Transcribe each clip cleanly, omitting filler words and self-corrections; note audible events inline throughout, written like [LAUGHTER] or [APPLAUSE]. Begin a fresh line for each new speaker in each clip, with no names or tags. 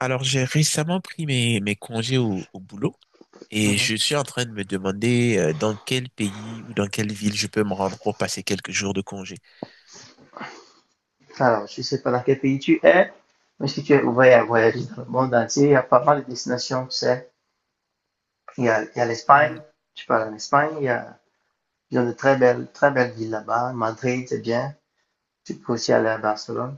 Alors, j'ai récemment pris mes congés au boulot et
Mhm.
je suis en train de me demander dans quel pays ou dans quelle ville je peux me rendre pour passer quelques jours de congé.
Alors, je ne sais pas dans quel pays tu es, mais si tu es ouvert à voyager dans le monde entier, il y a pas mal de destinations, tu sais. Il y a
Hmm.
l'Espagne, tu parles en Espagne, il y a, ils ont de très belles villes là-bas. Madrid, c'est bien. Tu peux aussi aller à Barcelone.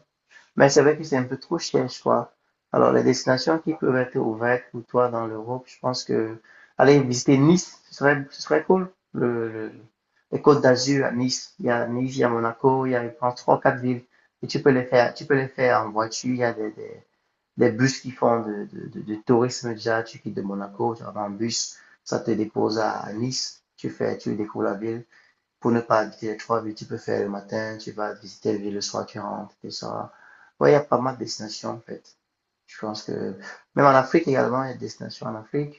Mais c'est vrai que c'est un peu trop cher, je crois. Alors, les destinations qui peuvent être ouvertes pour toi dans l'Europe, je pense que aller visiter Nice, ce serait cool. Les Côtes d'Azur à Nice, il y a Nice, il y a Monaco, il y a, je pense, trois, quatre villes. Et tu peux les faire en voiture. Il y a des bus qui font de tourisme déjà. Tu quittes de Monaco, tu vas en bus, ça te dépose à Nice. Tu fais, tu découvres la ville pour ne pas habiter les trois villes. Tu peux faire le matin, tu vas visiter les villes le soir, tu rentres, tout ça. Ouais, il y a pas mal de destinations en fait. Je pense que même en Afrique également, il y a des destinations en Afrique.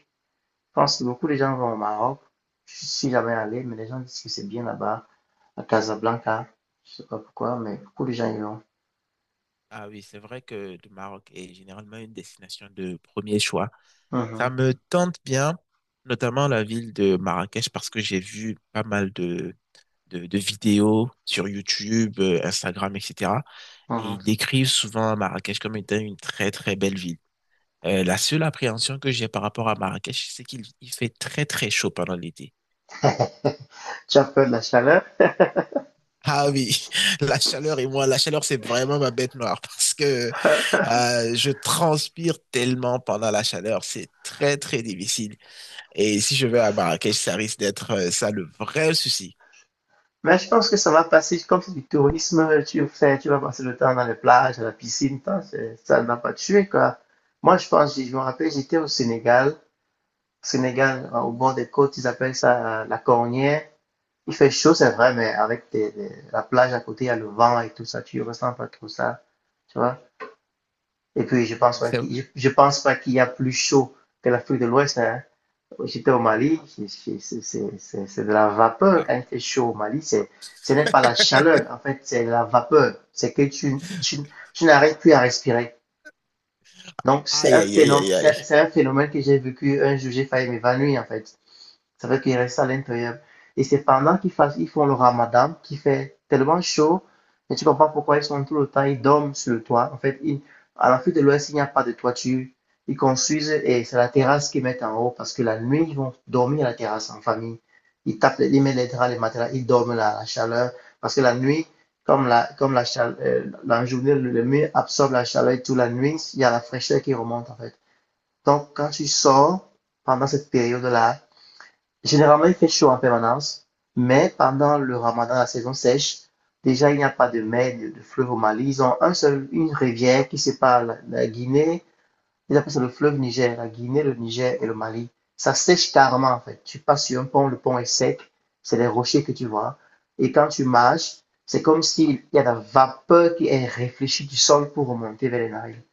Je pense que beaucoup de gens vont au Maroc. Je suis si jamais allé, mais les gens disent que c'est bien là-bas, à Casablanca. Je sais pas pourquoi, mais beaucoup de gens y vont.
Ah oui, c'est vrai que le Maroc est généralement une destination de premier choix. Ça
Mhm,
me tente bien, notamment la ville de Marrakech, parce que j'ai vu pas mal de vidéos sur YouTube, Instagram, etc. Et
mhm.
ils décrivent souvent Marrakech comme étant une très très belle ville. La seule appréhension que j'ai par rapport à Marrakech, c'est qu'il il fait très très chaud pendant l'été.
[LAUGHS] Tu as peur de la chaleur?
Ah oui, [LAUGHS] la chaleur et moi, la chaleur, c'est vraiment ma bête noire [LAUGHS] parce que
[LAUGHS]
je transpire tellement pendant la chaleur, c'est très très difficile. Et si je vais à Marrakech, ça risque d'être ça le vrai souci.
Mais je pense que ça va passer, comme c'est du tourisme, tu fais, tu vas passer le temps dans les plages, à la piscine, tant, c'est- ça ne va pas te tuer, quoi. Moi, je pense, je me rappelle, j'étais au Sénégal. Sénégal, au bord des côtes, ils appellent ça la cornière. Il fait chaud, c'est vrai, mais avec des- la plage à côté, il y a le vent et tout ça, tu ressens pas trop ça, tu vois. Et puis, je pense
Hmm,
pas
c'est-
qu'il, je pense pas qu'il y a plus chaud que l'Afrique de l'Ouest, hein. J'étais au Mali, de la vapeur quand
Ah.
il fait chaud au Mali. C'est, ce n'est pas la
[LAUGHS]
chaleur, en fait, c'est la vapeur. C'est que tu n'arrives plus à respirer. Donc,
Aïe, aïe, aïe, aïe, aïe.
c'est un phénomène que j'ai vécu un jour, j'ai failli m'évanouir, en fait. Ça veut dire qu'il reste à l'intérieur. Et c'est pendant qu'ils font le ramadan qui fait tellement chaud et tu comprends pourquoi ils sont tout le temps, ils dorment sur le toit. En fait, ils- à l'Afrique de l'Ouest, il n'y a pas de toiture. Ils construisent et c'est la terrasse qu'ils mettent en haut parce que la nuit, ils vont dormir à la terrasse en famille. Ils tapent, les- ils mettent les draps, les matelas, ils dorment la chaleur parce que la nuit, chaleur, la journée, le mur absorbe la chaleur et toute la nuit, il y a la fraîcheur qui remonte en fait. Donc, quand tu sors pendant cette période-là, généralement il fait chaud en permanence, mais pendant le ramadan, la saison sèche, déjà il n'y a pas de mer, de fleuve au Mali. Ils ont un seul, une rivière qui sépare la Guinée, ils appellent ça le fleuve Niger, la Guinée, le Niger et le Mali. Ça sèche carrément en fait. Tu passes sur un pont, le pont est sec, c'est les rochers que tu vois. Et quand tu marches, c'est comme s'il y a de la vapeur qui est réfléchie du sol pour remonter vers les narines.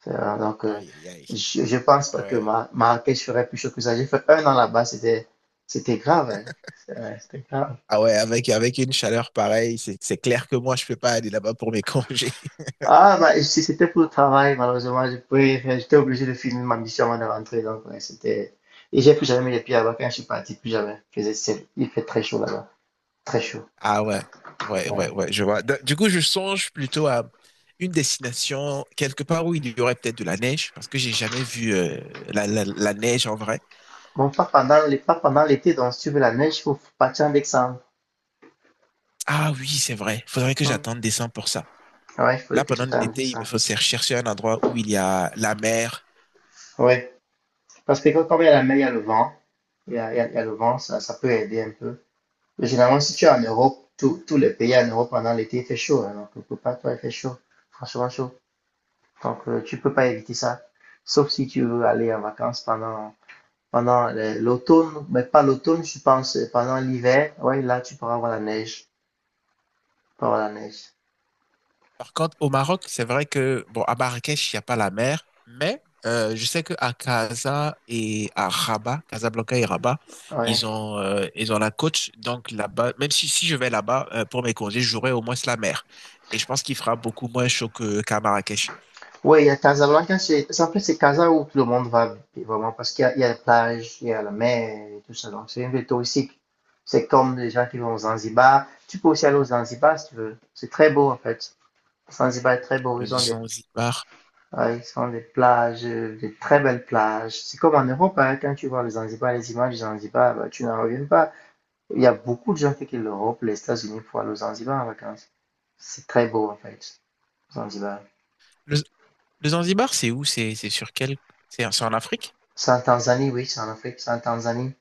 Donc,
Aïe, aïe, aïe.
je pense pas que
Ouais.
ma Marrakech ferait plus chaud que ça. J'ai fait un an là-bas, c'était, c'était grave, hein. C'est- ouais, c'était grave.
Ah ouais, avec une chaleur pareille, c'est clair que moi, je peux pas aller là-bas pour mes [LAUGHS] congés.
Ah, bah, si c'était pour le travail, malheureusement, je pouvais j'étais obligé de finir ma mission avant de rentrer, donc, ouais, c'était, et j'ai plus jamais mis les pieds là-bas quand je suis parti, plus jamais. Il faisait, c'est- il fait très chaud là-bas. Très chaud.
Ah ouais, ouais, ouais,
Ouais.
ouais, je vois. Du coup, je songe plutôt à une destination, quelque part où il y aurait peut-être de la neige, parce que j'ai jamais vu la neige en vrai.
Bon, pas pendant, les- pas pendant l'été, donc, si tu veux la neige, il faut partir en décembre.
Ah oui, c'est vrai. Faudrait que
Hum.
j'attende décembre pour ça.
Ouais, il faut
Là,
que tu
pendant
ailles en
l'été, il me
décembre.
faut chercher un endroit où il y a la mer.
Ouais. Parce que quand il y a la mer, il y a le vent. Il y a le vent, ça peut aider un peu. Mais généralement, si tu es en Europe, tous les pays en Europe pendant l'été, il fait chaud, hein. Donc, quelque part, toi, il fait chaud. Franchement, chaud. Donc, tu peux pas éviter ça. Sauf si tu veux aller en vacances pendant, pendant le- l'automne. Mais pas l'automne, je pense, pendant l'hiver. Ouais, là, tu pourras avoir la neige. Tu pourras avoir la neige.
Par contre, au Maroc, c'est vrai que, bon, à Marrakech, il n'y a pas la mer, mais je sais que à Casa et à Rabat, Casablanca et Rabat,
Ouais.
ils ont la côte. Donc là-bas, même si, si je vais là-bas pour mes congés, j'aurai au moins la mer. Et je pense qu'il fera beaucoup moins chaud que, qu'à Marrakech.
Ouais, il y a Casablanca, c'est- en fait, c'est Casa où tout le monde va, vraiment, parce qu'il y a les plages il y a la mer et tout ça. Donc, c'est une ville touristique. C'est comme les gens qui vont aux Zanzibar. Tu peux aussi aller aux Zanzibar si tu veux. C'est très beau, en fait. Zanzibar est très beau,
Le Zanzibar.
ils ont des plages, des très belles plages. C'est comme en Europe, hein, quand tu vois le Zanzibar, les images du Zanzibar, bah, tu n'en reviens pas. Il y a beaucoup de gens qui quittent l'Europe, les États-Unis pour aller au Zanzibar en vacances. C'est très beau en fait, Zanzibar.
Le, le Zanzibar, c'est où? C'est sur quel? C'est en Afrique?
C'est en Tanzanie, oui, c'est en Afrique, c'est en Tanzanie.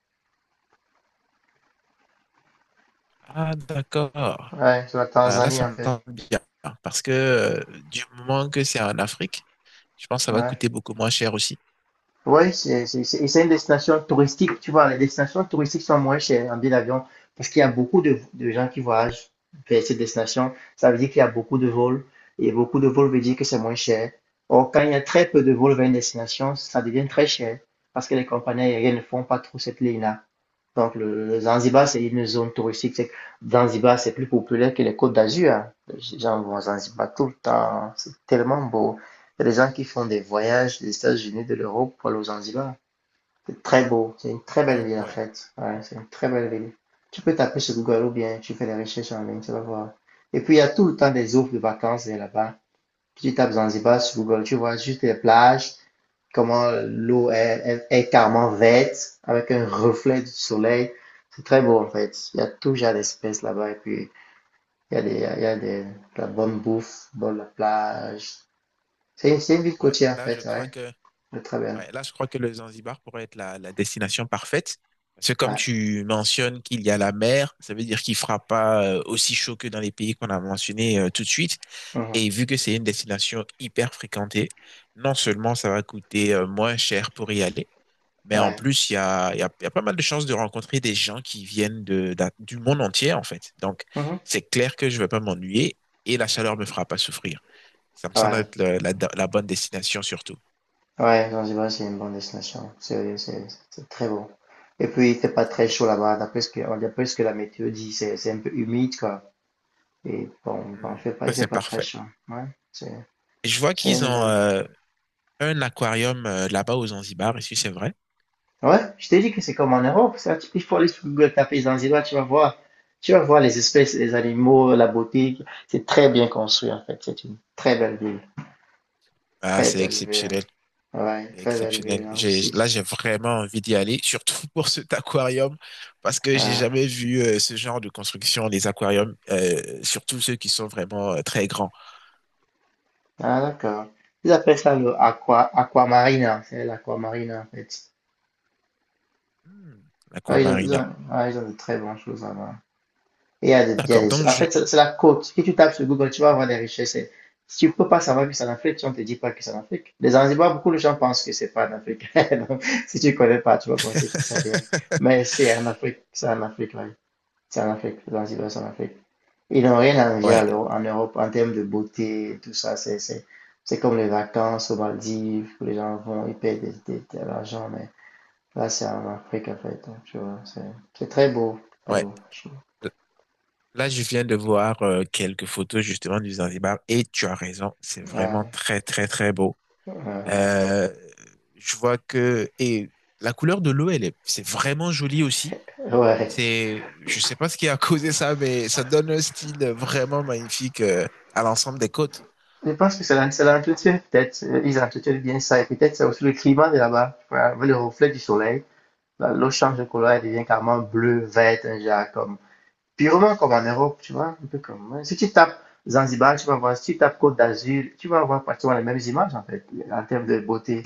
Ah, d'accord.
Ouais, c'est la
Ah, là,
Tanzanie
ça
en
me tente
fait.
bien. Parce que du moment que c'est en Afrique, je pense que ça va coûter
Ouais.
beaucoup moins cher aussi.
Ouais, c'est- et c'est une destination touristique, tu vois. Les destinations touristiques sont moins chères en billet d'avion parce qu'il y a beaucoup de gens qui voyagent vers ces destinations. Ça veut dire qu'il y a beaucoup de vols et beaucoup de vols veut dire que c'est moins cher. Or, quand il y a très peu de vols vers une destination, ça devient très cher parce que les compagnies aériennes ne font pas trop cette ligne-là. Donc, le Zanzibar, c'est une zone touristique. C'est- Zanzibar, c'est plus populaire que les Côtes d'Azur, hein. Les gens vont à Zanzibar tout le temps, hein. C'est tellement beau. Il y a des gens qui font des voyages des États-Unis, de l'Europe pour aller au Zanzibar. C'est très beau. C'est une très belle
Ah
ville, en
ouais,
fait. Ouais, c'est une très belle ville. Tu peux taper sur Google ou bien tu fais des recherches en ligne, tu vas voir. Et puis, il y a tout le temps des offres de vacances là-bas. Tu tapes Zanzibar sur Google, tu vois juste les plages, comment l'eau est carrément verte avec un reflet du soleil. C'est très beau en fait. Il y a tout genre d'espèces là-bas et puis il y a des, de la bonne bouffe, bonne la plage. C'est une ville
ouais.
côtière en
Là, je
fait,
crois
ouais.
que,
C'est très bien.
ouais, là, je crois que le Zanzibar pourrait être la, la destination parfaite. Parce que comme
Ouais.
tu mentionnes qu'il y a la mer, ça veut dire qu'il fera pas aussi chaud que dans les pays qu'on a mentionnés tout de suite.
Mhm.
Et vu que c'est une destination hyper fréquentée, non seulement ça va coûter moins cher pour y aller, mais en
Ouais.
plus, il y a, il y a, il y a pas mal de chances de rencontrer des gens qui viennent du monde entier, en fait. Donc,
Mhm.
c'est clair que je vais pas m'ennuyer et la chaleur me fera pas souffrir. Ça me semble
Ouais.
être la, la bonne destination surtout.
Ouais, Zanzibar, c'est une bonne destination. C'est c'est très beau. Et puis, il fait pas très
Et,
chaud là-bas. D'après ce que la météo dit, c'est un peu humide, quoi. Et bon, bon,
ça,
il
c'est
fait pas très
parfait.
chaud. Ouais. C'est
Je vois
c'est
qu'ils
une
ont
bonne.
un aquarium là-bas aux Zanzibar, et si c'est vrai.
Ouais, je t'ai dit que c'est comme en Europe, ça. Tu- il faut aller sur Google, taper Zanzibar, tu vas voir. Tu vas voir les espèces, les animaux, la beauté. C'est très bien construit, en fait. C'est une très belle ville.
Ah,
Très
c'est
belle ville.
exceptionnel.
Ouais,
C'est
très belle
exceptionnel.
ville hein,
J'ai,
aussi.
là, j'ai vraiment envie d'y aller, surtout [LAUGHS] pour cet aquarium, parce que j'ai
Ouais.
jamais vu ce genre de construction, les aquariums, surtout ceux qui sont vraiment très grands.
Ah, d'accord. Ils appellent ça le aqua, aquamarina. C'est l'aquamarina, en fait.
Hmm.
Ouais, ils
Aquamarina.
ont- ouais, ils ont de très bonnes choses là-bas. Et il y a des, il y a
D'accord, donc
des- en
je...
fait, c'est la côte. Si tu tapes sur Google, tu vas voir les richesses. Et si tu ne peux pas savoir que c'est en Afrique, si on ne te dit pas que c'est en Afrique. Les Zanzibar, beaucoup de gens pensent que c'est pas en Afrique. [LAUGHS] Donc, si tu ne connais pas, tu vas penser que c'est ailleurs. Mais
[LAUGHS]
c'est en Afrique, oui. C'est en Afrique. Les Zanzibar, c'est en Afrique. Ils n'ont rien à envier à
Ouais,
l'Euro- en Europe en termes de beauté, tout ça. C'est comme les vacances aux Maldives, où les gens vont, ils payent des- de l'argent, mais là, c'est en Afrique, en fait. Donc, tu vois, c'est très
ouais.
beau, je trouve.
Là, je viens de voir quelques photos justement du Zanzibar et tu as raison, c'est vraiment
Ouais,
très très très beau.
ouais, ouais.
Euh, je vois que et la couleur de l'eau, elle est, c'est vraiment joli aussi.
Ouais.
C'est, je sais pas ce qui a causé ça, mais ça donne un style vraiment magnifique à l'ensemble des côtes.
Je pense que c'est l'en- c'est l'entretien, peut-être. Ils entretiennent bien ça. Et peut-être c'est aussi le climat de là-bas. Tu vois, avec le reflet du soleil, l'eau change de couleur, elle devient carrément bleue, verte, un genre comme. Purement comme en Europe, tu vois. Un peu comme. Ouais. Si tu tapes Zanzibar, tu vas voir. Si tu tapes Côte d'Azur, tu vas voir pratiquement les mêmes images, en fait, en termes de beauté.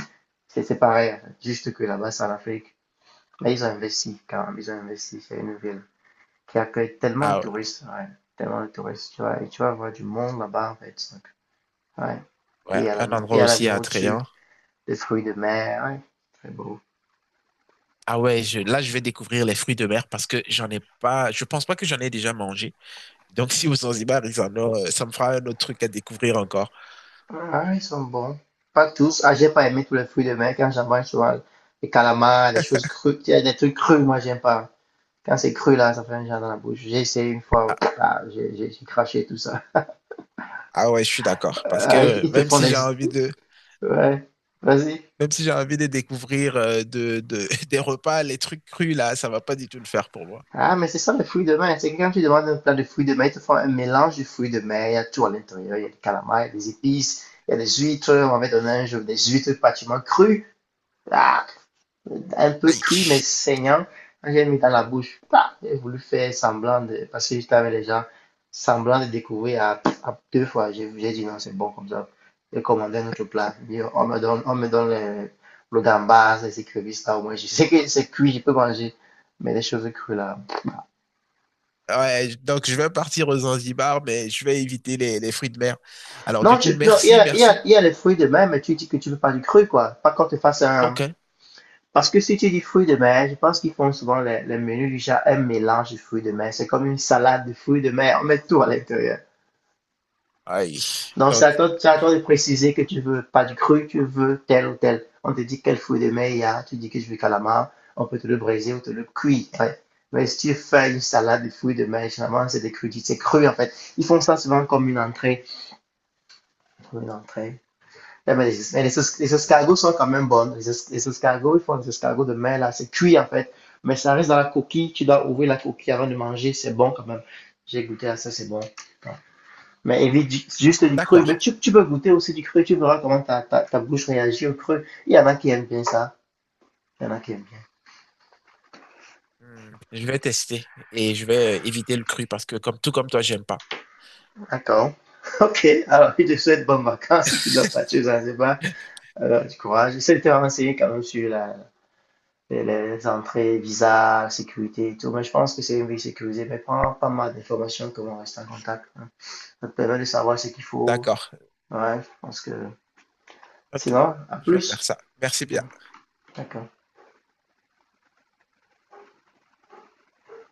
C'est pareil, en fait. Juste que là-bas, c'est en Afrique. Mais ils ont investi, quand même. Ils ont investi. C'est une ville qui accueille tellement de
Ah
touristes, ouais. Tellement de touristes, tu vois. Et tu vas voir du monde là-bas, en fait. Ouais.
ouais, ouais,
Et
un endroit
et à la
aussi
nourriture,
attrayant.
des fruits de mer. Ouais. Très beau.
Ah ouais, je, là je vais découvrir les fruits de mer parce que j'en ai pas, je pense pas que j'en ai déjà mangé. Donc si au Zanzibar ils en ont, ça me fera un autre truc à découvrir encore.
Ah, ils sont bons. Pas tous. Ah, j'ai pas aimé tous les fruits de mer quand j'en mange souvent. Les calamars, les choses crues. Il y a des trucs crus, moi, j'aime pas. Quand c'est cru, là, ça fait un genre dans la bouche. J'ai essayé une fois. Ah, j'ai craché tout ça.
Ah ouais, je suis d'accord. Parce
Ah, ils,
que
ils te
même
font
si
des…
j'ai envie de,
Ouais. Vas-y.
même si j'ai envie de découvrir [LAUGHS] des repas, les trucs crus là, ça va pas du tout le faire pour moi.
Ah, mais c'est ça, les fruits de mer. C'est que quand tu demandes un plat de fruits de mer, ils te font un mélange de fruits de mer. Il y a tout à l'intérieur. Il y a des calamars, il y a des épices, il y a des huîtres. On m'avait donné un jour des huîtres pratiquement crues. Ah, un peu cuit, mais
Aïe.
saignant. Quand j'ai mis dans la bouche, ah, j'ai voulu faire semblant de, parce que j'étais avec les gens, semblant de découvrir à deux fois. J'ai dit non, c'est bon comme ça. J'ai commandé un autre plat. J'ai dit, on me donne le, le gambas, les écrevisses, là, au moins, je sais que c'est cuit, je peux manger. Mais les choses crues, là.
Ouais, je- donc je vais partir aux Zanzibar, mais je vais éviter les fruits de mer. Alors du
Non,
coup,
tu, non, il y
merci,
a, il y a,
merci.
il y a les fruits de mer, mais tu dis que tu veux pas du cru, quoi. Pas quand tu fasses un.
Ok.
Parce que si tu dis fruits de mer, je pense qu'ils font souvent les menus du genre un mélange de fruits de mer. C'est comme une salade de fruits de mer. On met tout à l'intérieur.
Aïe.
Donc, c'est
Donc,
à toi, c'est à
je,
toi de préciser que tu veux pas du cru, tu veux tel ou tel. On te dit quel fruit de mer il y a, tu dis que je veux calamar, on peut te le briser ou te le cuire. Ouais. Mais si tu fais une salade de fruits de mer, généralement, c'est des crudités, c'est cru en fait. Ils font ça souvent comme une entrée. Comme une entrée. Ouais, mais les, les
je
escargots
vois.
sont quand même bonnes. Les escargots, ils font des escargots de mer, là. C'est cuit, en fait. Mais ça reste dans la coquille. Tu dois ouvrir la coquille avant de manger. C'est bon, quand même. J'ai goûté à ça, c'est bon. Ouais. Mais évite juste du cru.
D'accord.
Mais tu peux goûter aussi du cru. Tu verras comment ta, ta, ta bouche réagit au cru. Il y en a qui aiment bien ça. Il y en a qui aiment bien.
Hmm. Je vais tester et je vais éviter le cru parce que comme tout comme toi, j'aime pas.
D'accord. [LAUGHS] Ok. Alors, je te souhaite bonnes vacances si tu dois partir aux Zanzibar.
[LAUGHS]
Alors, du courage. J'essaie de te renseigner quand même sur la, les entrées, visa, sécurité et tout. Mais je pense que c'est une vie sécurisée. Mais prends pas mal d'informations que vont rester en contact, hein. Ça te permet de savoir ce qu'il faut.
D'accord.
Ouais, je pense que.
Ok.
Sinon, à
Je vais faire
plus.
ça. Merci bien.
D'accord.